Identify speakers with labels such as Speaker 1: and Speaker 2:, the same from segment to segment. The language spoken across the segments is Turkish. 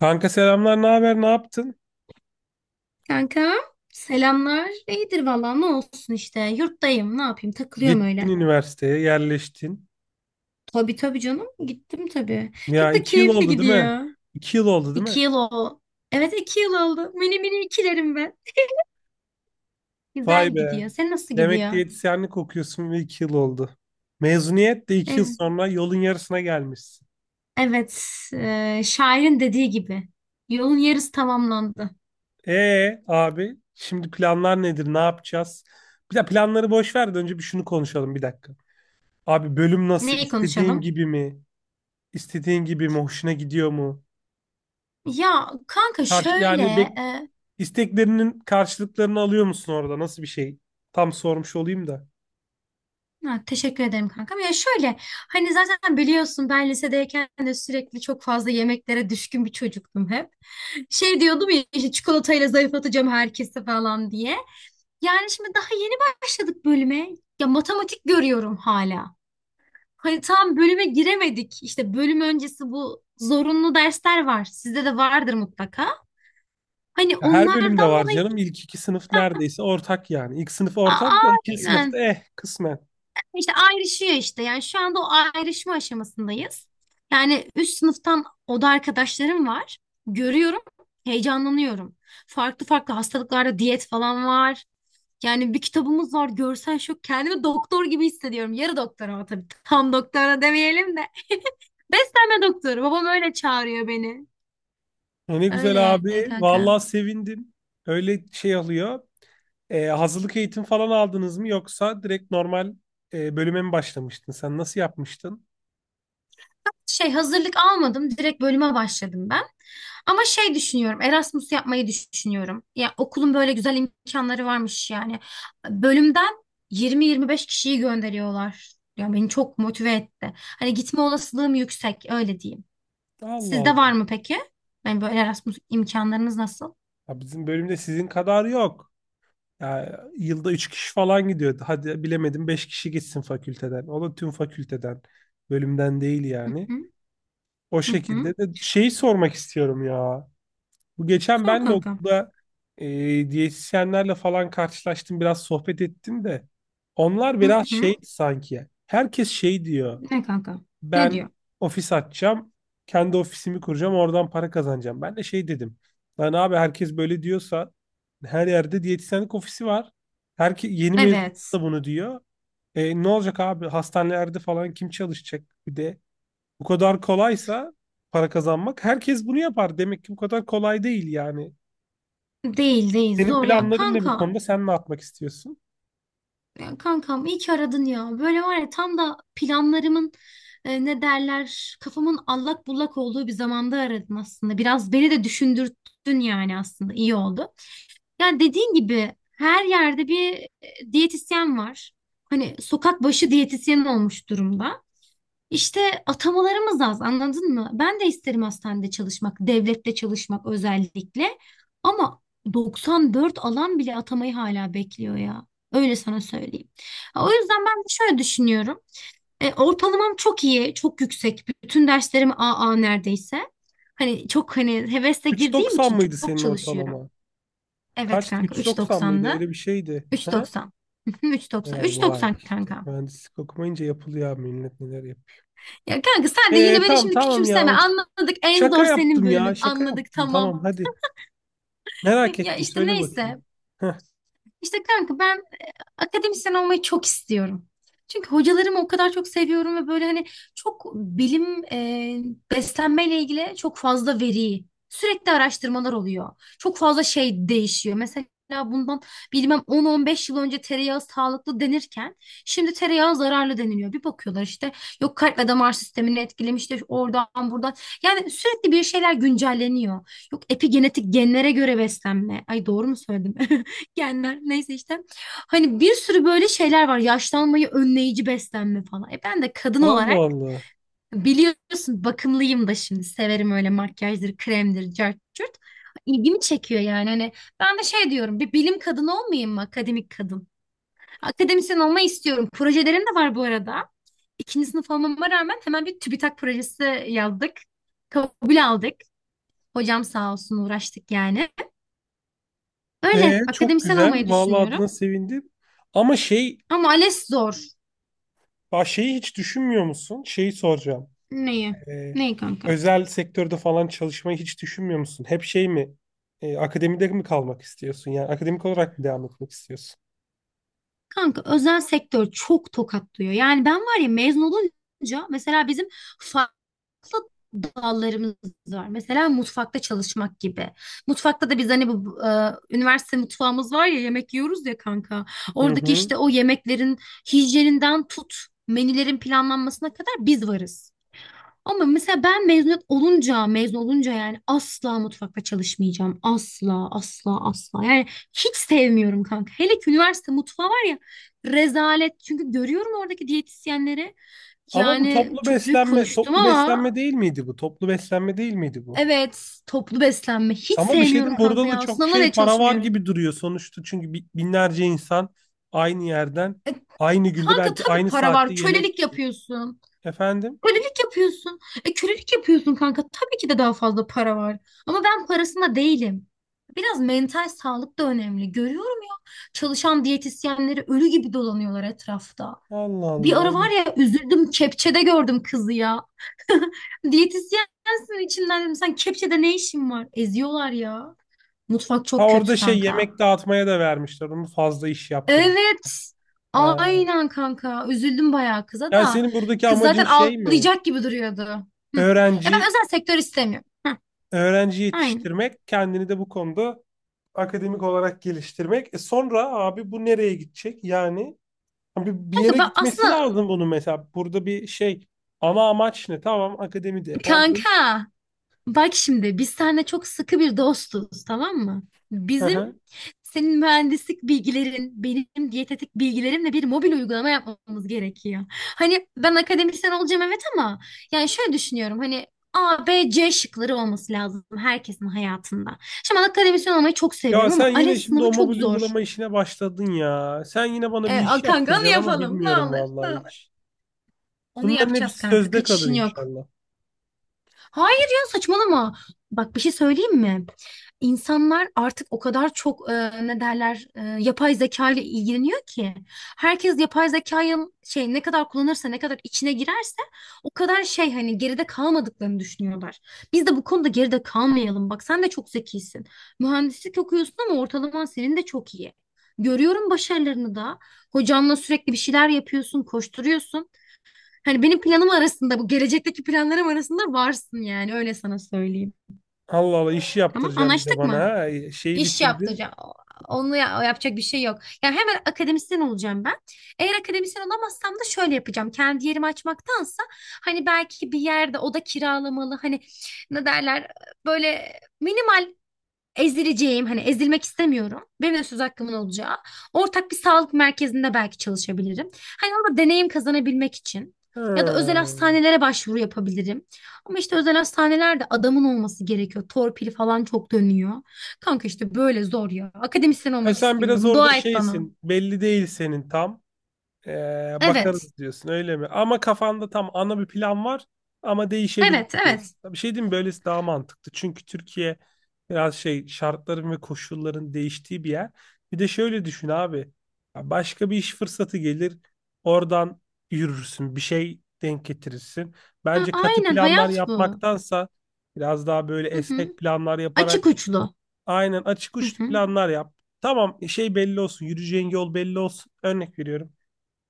Speaker 1: Kanka selamlar, ne haber, ne yaptın?
Speaker 2: Kanka selamlar. İyidir valla ne olsun işte. Yurttayım ne yapayım takılıyorum
Speaker 1: Gittin
Speaker 2: öyle.
Speaker 1: üniversiteye, yerleştin.
Speaker 2: Tabii tabii canım gittim tabii.
Speaker 1: Ya
Speaker 2: Çok da
Speaker 1: iki yıl
Speaker 2: keyifli
Speaker 1: oldu değil mi?
Speaker 2: gidiyor.
Speaker 1: İki yıl oldu değil mi?
Speaker 2: İki yıl o. Evet iki yıl oldu. Mini mini ikilerim ben.
Speaker 1: Vay
Speaker 2: Güzel
Speaker 1: be.
Speaker 2: gidiyor. Sen nasıl
Speaker 1: Demek
Speaker 2: gidiyor?
Speaker 1: diyetisyenlik okuyorsun ve iki yıl oldu. Mezuniyet de iki yıl
Speaker 2: Evet.
Speaker 1: sonra yolun yarısına gelmişsin.
Speaker 2: Evet. Şairin dediği gibi. Yolun yarısı tamamlandı.
Speaker 1: Abi, şimdi planlar nedir, ne yapacağız? Bir de planları boş ver de önce bir şunu konuşalım bir dakika. Abi bölüm nasıl?
Speaker 2: Neyi
Speaker 1: İstediğin
Speaker 2: konuşalım?
Speaker 1: gibi mi? İstediğin gibi mi? Hoşuna gidiyor mu?
Speaker 2: Ya kanka
Speaker 1: Karşı,
Speaker 2: şöyle
Speaker 1: yani bek
Speaker 2: e,
Speaker 1: İsteklerinin karşılıklarını alıyor musun orada? Nasıl bir şey? Tam sormuş olayım da.
Speaker 2: Ha, teşekkür ederim kankam. Ya şöyle, hani zaten biliyorsun, ben lisedeyken de sürekli çok fazla yemeklere düşkün bir çocuktum hep. Şey diyordum ya, işte çikolatayla zayıflatacağım herkese falan diye. Yani şimdi daha yeni başladık bölüme. Ya matematik görüyorum hala. Hani tam bölüme giremedik. İşte bölüm öncesi bu zorunlu dersler var. Sizde de vardır mutlaka. Hani
Speaker 1: Ya her bölümde
Speaker 2: onlardan
Speaker 1: var
Speaker 2: dolayı.
Speaker 1: canım. İlk iki sınıf neredeyse ortak yani. İlk sınıf ortak da
Speaker 2: aa,
Speaker 1: ikinci sınıfta
Speaker 2: aynen.
Speaker 1: kısmen.
Speaker 2: İşte ayrışıyor işte. Yani şu anda o ayrışma aşamasındayız. Yani üst sınıftan oda arkadaşlarım var. Görüyorum, heyecanlanıyorum. Farklı farklı hastalıklarda diyet falan var. Yani bir kitabımız var, görsel şok. Kendimi doktor gibi hissediyorum. Yarı doktor, ama tabii tam doktora demeyelim de. Beslenme doktoru. Babam öyle çağırıyor beni.
Speaker 1: Ne
Speaker 2: Öyle
Speaker 1: güzel
Speaker 2: yani
Speaker 1: abi.
Speaker 2: kanka.
Speaker 1: Vallahi sevindim. Öyle şey oluyor. Hazırlık eğitim falan aldınız mı yoksa direkt normal bölüme mi başlamıştın? Sen nasıl yapmıştın?
Speaker 2: Şey, hazırlık almadım. Direkt bölüme başladım ben. Ama şey düşünüyorum. Erasmus yapmayı düşünüyorum. Ya okulun böyle güzel imkanları varmış yani. Bölümden 20-25 kişiyi gönderiyorlar. Ya beni çok motive etti. Hani gitme olasılığım yüksek, öyle diyeyim.
Speaker 1: Allah
Speaker 2: Sizde
Speaker 1: Allah.
Speaker 2: var mı peki? Yani böyle Erasmus imkanlarınız nasıl?
Speaker 1: Ya bizim bölümde sizin kadar yok. Ya yılda 3 kişi falan gidiyordu. Hadi bilemedim 5 kişi gitsin fakülteden. O da tüm fakülteden. Bölümden değil
Speaker 2: Hı
Speaker 1: yani.
Speaker 2: hı
Speaker 1: O
Speaker 2: hı
Speaker 1: şekilde
Speaker 2: hı.
Speaker 1: de şeyi sormak istiyorum ya. Bu geçen
Speaker 2: Sor
Speaker 1: ben de
Speaker 2: kanka.
Speaker 1: okulda e, diyetisyenlerle falan karşılaştım. Biraz sohbet ettim de. Onlar
Speaker 2: Hı
Speaker 1: biraz şey
Speaker 2: hı.
Speaker 1: sanki. Herkes şey diyor:
Speaker 2: Ne kanka? Ne
Speaker 1: ben
Speaker 2: diyor?
Speaker 1: ofis açacağım. Kendi ofisimi kuracağım. Oradan para kazanacağım. Ben de şey dedim. Lan abi herkes böyle diyorsa her yerde diyetisyenlik ofisi var. Herke yeni mezun
Speaker 2: Evet.
Speaker 1: da bunu diyor. Ne olacak abi? Hastanelerde falan kim çalışacak? Bir de bu kadar kolaysa para kazanmak herkes bunu yapar. Demek ki bu kadar kolay değil yani.
Speaker 2: Değil değil,
Speaker 1: Senin
Speaker 2: zor ya.
Speaker 1: planların ne bu
Speaker 2: Kanka,
Speaker 1: konuda? Sen ne yapmak istiyorsun?
Speaker 2: ya kankam iyi ki aradın ya. Böyle var ya, tam da planlarımın ne derler, kafamın allak bullak olduğu bir zamanda aradın aslında. Biraz beni de düşündürttün, yani aslında iyi oldu. Ya dediğin gibi her yerde bir diyetisyen var. Hani sokak başı diyetisyen olmuş durumda. İşte atamalarımız az, anladın mı? Ben de isterim hastanede çalışmak, devlette çalışmak özellikle. Ama 94 alan bile atamayı hala bekliyor ya. Öyle sana söyleyeyim. O yüzden ben de şöyle düşünüyorum. E, ortalamam çok iyi, çok yüksek. Bütün derslerim AA neredeyse. Hani çok, hani hevesle girdiğim
Speaker 1: 3.90
Speaker 2: için çok,
Speaker 1: mıydı
Speaker 2: çok
Speaker 1: senin
Speaker 2: çalışıyorum.
Speaker 1: ortalama?
Speaker 2: Evet
Speaker 1: Kaçtı?
Speaker 2: kanka,
Speaker 1: 3.90 mıydı?
Speaker 2: 3.90'da.
Speaker 1: Öyle bir şeydi. He?
Speaker 2: 3.90. 3.90.
Speaker 1: Ya vay
Speaker 2: 3.90
Speaker 1: işte.
Speaker 2: kanka.
Speaker 1: Mühendislik okumayınca yapılıyor abi, millet neler yapıyor.
Speaker 2: Ya kanka sen de
Speaker 1: Ee,
Speaker 2: yine beni
Speaker 1: tamam
Speaker 2: şimdi
Speaker 1: tamam
Speaker 2: küçümseme.
Speaker 1: ya.
Speaker 2: Anladık, en
Speaker 1: Şaka
Speaker 2: zor senin
Speaker 1: yaptım ya.
Speaker 2: bölümün.
Speaker 1: Şaka
Speaker 2: Anladık,
Speaker 1: yaptım.
Speaker 2: tamam.
Speaker 1: Tamam hadi. Merak
Speaker 2: Ya
Speaker 1: ettim.
Speaker 2: işte
Speaker 1: Söyle
Speaker 2: neyse.
Speaker 1: bakayım. Heh.
Speaker 2: İşte kanka ben akademisyen olmayı çok istiyorum. Çünkü hocalarımı o kadar çok seviyorum ve böyle hani çok bilim, beslenmeyle ilgili çok fazla veri, sürekli araştırmalar oluyor. Çok fazla şey değişiyor. Mesela bundan bilmem 10-15 yıl önce tereyağı sağlıklı denirken şimdi tereyağı zararlı deniliyor. Bir bakıyorlar işte, yok kalp ve damar sistemini etkilemiş de oradan buradan. Yani sürekli bir şeyler güncelleniyor. Yok epigenetik genlere göre beslenme. Ay doğru mu söyledim? Genler neyse işte. Hani bir sürü böyle şeyler var. Yaşlanmayı önleyici beslenme falan. E ben de kadın
Speaker 1: Allah
Speaker 2: olarak
Speaker 1: Allah.
Speaker 2: biliyorsun bakımlıyım da şimdi. Severim öyle, makyajdır, kremdir, cart curt. İlgimi çekiyor yani. Hani ben de şey diyorum, bir bilim kadını olmayayım mı? Akademik kadın. Akademisyen olmayı istiyorum. Projelerim de var bu arada. İkinci sınıf olmama rağmen hemen bir TÜBİTAK projesi yazdık. Kabul aldık. Hocam sağ olsun, uğraştık yani. Öyle
Speaker 1: Çok
Speaker 2: akademisyen olmayı
Speaker 1: güzel. Vallahi
Speaker 2: düşünüyorum.
Speaker 1: adına sevindim. Ama şey,
Speaker 2: Ama ALES zor.
Speaker 1: bak şeyi hiç düşünmüyor musun? Şeyi soracağım.
Speaker 2: Neyi?
Speaker 1: Ee,
Speaker 2: Neyi kanka?
Speaker 1: özel sektörde falan çalışmayı hiç düşünmüyor musun? Hep şey mi? Akademide mi kalmak istiyorsun? Yani akademik olarak mı devam etmek istiyorsun?
Speaker 2: Kanka, özel sektör çok tokatlıyor. Yani ben var ya, mezun olunca mesela bizim farklı dallarımız var. Mesela mutfakta çalışmak gibi. Mutfakta da biz hani bu üniversite mutfağımız var ya, yemek yiyoruz ya kanka.
Speaker 1: Hı
Speaker 2: Oradaki
Speaker 1: hı.
Speaker 2: işte o yemeklerin hijyeninden tut, menülerin planlanmasına kadar biz varız. Ama mesela ben mezuniyet olunca, mezun olunca, yani asla mutfakta çalışmayacağım. Asla, asla, asla. Yani hiç sevmiyorum kanka. Hele ki üniversite mutfağı var ya, rezalet. Çünkü görüyorum oradaki diyetisyenleri.
Speaker 1: Ama bu
Speaker 2: Yani
Speaker 1: toplu
Speaker 2: çok büyük
Speaker 1: beslenme,
Speaker 2: konuştum
Speaker 1: toplu
Speaker 2: ama,
Speaker 1: beslenme değil miydi bu? Toplu beslenme değil miydi bu?
Speaker 2: evet, toplu beslenme. Hiç
Speaker 1: Ama bir şey diyeyim,
Speaker 2: sevmiyorum kanka
Speaker 1: burada da
Speaker 2: ya.
Speaker 1: çok
Speaker 2: Sınavına
Speaker 1: şey
Speaker 2: bile
Speaker 1: para var
Speaker 2: çalışmıyorum.
Speaker 1: gibi duruyor sonuçta. Çünkü binlerce insan aynı yerden
Speaker 2: E,
Speaker 1: aynı günde
Speaker 2: kanka
Speaker 1: belki
Speaker 2: tabii
Speaker 1: aynı
Speaker 2: para
Speaker 1: saatte
Speaker 2: var. Kölelik
Speaker 1: yemek,
Speaker 2: yapıyorsun.
Speaker 1: efendim.
Speaker 2: Kölelik yapıyorsun. E, kölelik yapıyorsun kanka. Tabii ki de daha fazla para var. Ama ben parasında değilim. Biraz mental sağlık da önemli. Görüyorum ya, çalışan diyetisyenleri ölü gibi dolanıyorlar etrafta.
Speaker 1: Allah
Speaker 2: Bir
Speaker 1: Allah,
Speaker 2: ara var
Speaker 1: evet.
Speaker 2: ya, üzüldüm, kepçede gördüm kızı ya. Diyetisyensin içinden, dedim, sen kepçede ne işin var? Eziyorlar ya. Mutfak
Speaker 1: Ha,
Speaker 2: çok kötü
Speaker 1: orada şey,
Speaker 2: kanka.
Speaker 1: yemek dağıtmaya da vermişler. Onu fazla iş yaptırım.
Speaker 2: Evet.
Speaker 1: Ha.
Speaker 2: Aynen kanka. Üzüldüm bayağı kıza
Speaker 1: Yani
Speaker 2: da.
Speaker 1: senin buradaki
Speaker 2: Kız
Speaker 1: amacın
Speaker 2: zaten
Speaker 1: şey mi?
Speaker 2: ağlayacak gibi duruyordu. Hı. Ya ben
Speaker 1: Öğrenci
Speaker 2: özel sektör istemiyorum. Hı.
Speaker 1: öğrenci
Speaker 2: Aynen.
Speaker 1: yetiştirmek, kendini de bu konuda akademik olarak geliştirmek. Sonra abi bu nereye gidecek? Yani bir
Speaker 2: Kanka
Speaker 1: yere
Speaker 2: ben
Speaker 1: gitmesi
Speaker 2: aslında,
Speaker 1: lazım bunun mesela. Burada bir şey, ana amaç ne? Tamam akademide oldun.
Speaker 2: kanka bak şimdi biz seninle çok sıkı bir dostuz, tamam mı?
Speaker 1: Hı
Speaker 2: Bizim
Speaker 1: hı.
Speaker 2: Senin mühendislik bilgilerin, benim diyetetik bilgilerimle bir mobil uygulama yapmamız gerekiyor. Hani ben akademisyen olacağım, evet, ama yani şöyle düşünüyorum, hani A, B, C şıkları olması lazım herkesin hayatında. Şimdi ben akademisyen olmayı çok
Speaker 1: Ya
Speaker 2: seviyorum
Speaker 1: sen
Speaker 2: ama
Speaker 1: yine
Speaker 2: ALES
Speaker 1: şimdi
Speaker 2: sınavı
Speaker 1: o
Speaker 2: çok
Speaker 1: mobil
Speaker 2: zor.
Speaker 1: uygulama işine başladın ya. Sen yine bana bir iş
Speaker 2: Kanka onu
Speaker 1: yaptıracaksın ama
Speaker 2: yapalım, ne
Speaker 1: bilmiyorum
Speaker 2: olur ne
Speaker 1: vallahi
Speaker 2: olur.
Speaker 1: hiç.
Speaker 2: Onu
Speaker 1: Bunların
Speaker 2: yapacağız
Speaker 1: hepsi
Speaker 2: kanka,
Speaker 1: sözde kalır
Speaker 2: kaçışın yok.
Speaker 1: inşallah.
Speaker 2: Hayır ya, saçmalama. Bak bir şey söyleyeyim mi? İnsanlar artık o kadar çok ne derler, yapay zeka ile ilgileniyor ki, herkes yapay zekayı şey, ne kadar kullanırsa, ne kadar içine girerse o kadar şey, hani geride kalmadıklarını düşünüyorlar. Biz de bu konuda geride kalmayalım. Bak sen de çok zekisin. Mühendislik okuyorsun ama ortalaman senin de çok iyi. Görüyorum başarılarını da. Hocanla sürekli bir şeyler yapıyorsun, koşturuyorsun. Hani benim planım arasında, bu gelecekteki planlarım arasında varsın, yani öyle sana söyleyeyim.
Speaker 1: Allah Allah, işi
Speaker 2: Tamam
Speaker 1: yaptıracaksın bir de
Speaker 2: anlaştık
Speaker 1: bana.
Speaker 2: mı?
Speaker 1: Ha. Şeyi
Speaker 2: İş
Speaker 1: bitirdin.
Speaker 2: yaptıracağım. Onu yapacak bir şey yok. Yani hemen akademisyen olacağım ben. Eğer akademisyen olamazsam da şöyle yapacağım. Kendi yerimi açmaktansa hani belki bir yerde oda kiralamalı, hani ne derler, böyle minimal. Ezileceğim, hani ezilmek istemiyorum. Benim de söz hakkımın olacağı. Ortak bir sağlık merkezinde belki çalışabilirim. Hani orada deneyim kazanabilmek için. Ya da özel
Speaker 1: Ha.
Speaker 2: hastanelere başvuru yapabilirim. Ama işte özel hastanelerde adamın olması gerekiyor. Torpili falan çok dönüyor. Kanka işte böyle zor ya. Akademisyen
Speaker 1: Ha,
Speaker 2: olmak
Speaker 1: sen biraz
Speaker 2: istiyorum.
Speaker 1: orada
Speaker 2: Dua et bana.
Speaker 1: şeysin. Belli değil senin tam. Ee,
Speaker 2: Evet.
Speaker 1: bakarız diyorsun öyle mi? Ama kafanda tam ana bir plan var ama değişebilir
Speaker 2: Evet,
Speaker 1: diyorsun.
Speaker 2: evet.
Speaker 1: Bir şey diyeyim mi? Böylesi daha mantıklı. Çünkü Türkiye biraz şey, şartların ve koşulların değiştiği bir yer. Bir de şöyle düşün abi. Ya, başka bir iş fırsatı gelir. Oradan yürürsün. Bir şey denk getirirsin.
Speaker 2: Ha,
Speaker 1: Bence katı
Speaker 2: aynen,
Speaker 1: planlar
Speaker 2: hayat bu.
Speaker 1: yapmaktansa biraz daha böyle
Speaker 2: Hı
Speaker 1: esnek
Speaker 2: hı.
Speaker 1: planlar
Speaker 2: Açık
Speaker 1: yaparak,
Speaker 2: uçlu.
Speaker 1: aynen, açık
Speaker 2: Hı
Speaker 1: uçlu
Speaker 2: hı.
Speaker 1: planlar yap. Tamam, şey belli olsun. Yürüyeceğin yol belli olsun. Örnek veriyorum.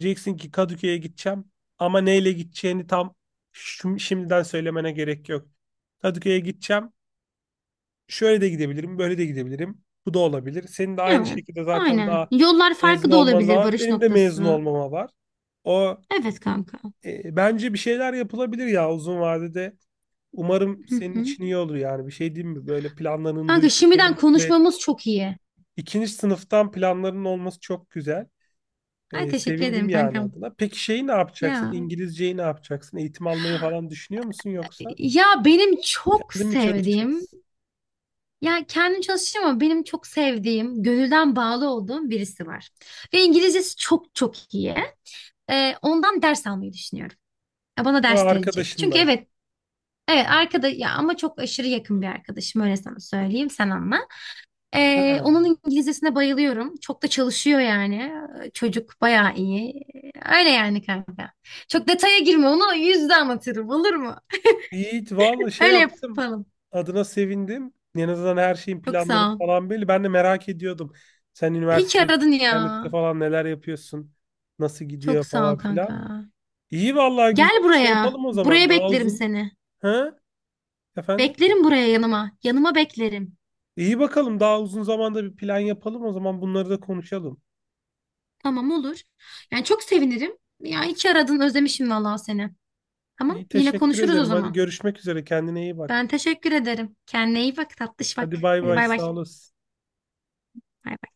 Speaker 1: Diyeceksin ki Kadıköy'e gideceğim ama neyle gideceğini tam şimdiden söylemene gerek yok. Kadıköy'e gideceğim. Şöyle de gidebilirim, böyle de gidebilirim. Bu da olabilir. Senin de aynı
Speaker 2: Evet.
Speaker 1: şekilde zaten
Speaker 2: Aynen.
Speaker 1: daha
Speaker 2: Yollar
Speaker 1: mezun
Speaker 2: farklı da
Speaker 1: olman da
Speaker 2: olabilir,
Speaker 1: var.
Speaker 2: varış
Speaker 1: Benim de mezun
Speaker 2: noktası.
Speaker 1: olmama var. O,
Speaker 2: Evet kanka.
Speaker 1: bence bir şeyler yapılabilir ya, uzun vadede. Umarım
Speaker 2: Hı
Speaker 1: senin
Speaker 2: hı.
Speaker 1: için iyi olur yani. Bir şey diyeyim mi? Böyle planlarını
Speaker 2: Kanka
Speaker 1: duymak beni
Speaker 2: şimdiden
Speaker 1: mutlu et.
Speaker 2: konuşmamız çok iyi.
Speaker 1: İkinci sınıftan planların olması çok güzel.
Speaker 2: Ay
Speaker 1: Ee,
Speaker 2: teşekkür
Speaker 1: sevindim
Speaker 2: ederim
Speaker 1: yani
Speaker 2: kankam.
Speaker 1: adına. Peki şeyi ne yapacaksın?
Speaker 2: Ya
Speaker 1: İngilizceyi ne yapacaksın? Eğitim almayı falan düşünüyor musun yoksa?
Speaker 2: ya benim çok
Speaker 1: Kendin mi
Speaker 2: sevdiğim,
Speaker 1: çalışacaksın?
Speaker 2: ya kendim çalışacağım ama benim çok sevdiğim, gönülden bağlı olduğum birisi var. Ve İngilizcesi çok çok iyi. Ondan ders almayı düşünüyorum. Ya bana
Speaker 1: Ya,
Speaker 2: ders verecek. Çünkü
Speaker 1: arkadaşından.
Speaker 2: evet, evet arkada ya, ama çok aşırı yakın bir arkadaşım, öyle sana söyleyeyim, sen anla.
Speaker 1: Ha.
Speaker 2: Onun İngilizcesine bayılıyorum. Çok da çalışıyor yani. Çocuk bayağı iyi. Öyle yani kanka. Çok detaya girme, onu yüzde anlatırım, olur mu?
Speaker 1: Yiğit valla şey
Speaker 2: Öyle
Speaker 1: yaptım.
Speaker 2: yapalım.
Speaker 1: Adına sevindim. En azından her şeyin
Speaker 2: Çok
Speaker 1: planları
Speaker 2: sağ ol.
Speaker 1: falan belli. Ben de merak ediyordum. Sen
Speaker 2: İyi ki
Speaker 1: üniversitede,
Speaker 2: aradın ya.
Speaker 1: internette falan neler yapıyorsun? Nasıl
Speaker 2: Çok
Speaker 1: gidiyor
Speaker 2: sağ ol
Speaker 1: falan filan.
Speaker 2: kanka.
Speaker 1: İyi, vallahi güzel.
Speaker 2: Gel
Speaker 1: Şey
Speaker 2: buraya.
Speaker 1: yapalım o zaman.
Speaker 2: Buraya
Speaker 1: Daha
Speaker 2: beklerim
Speaker 1: uzun.
Speaker 2: seni.
Speaker 1: Ha? Efendim?
Speaker 2: Beklerim buraya, yanıma. Yanıma beklerim.
Speaker 1: İyi bakalım. Daha uzun zamanda bir plan yapalım o zaman. Bunları da konuşalım.
Speaker 2: Tamam olur. Yani çok sevinirim. Ya iyi ki aradın. Özlemişim vallahi seni. Tamam.
Speaker 1: İyi,
Speaker 2: Yine
Speaker 1: teşekkür
Speaker 2: konuşuruz o
Speaker 1: ederim. Hadi
Speaker 2: zaman.
Speaker 1: görüşmek üzere. Kendine iyi
Speaker 2: Ben
Speaker 1: bak.
Speaker 2: teşekkür ederim. Kendine iyi bak tatlış, bak.
Speaker 1: Hadi bay
Speaker 2: Hadi
Speaker 1: bay.
Speaker 2: bay bay.
Speaker 1: Sağ olasın.
Speaker 2: Bay bay.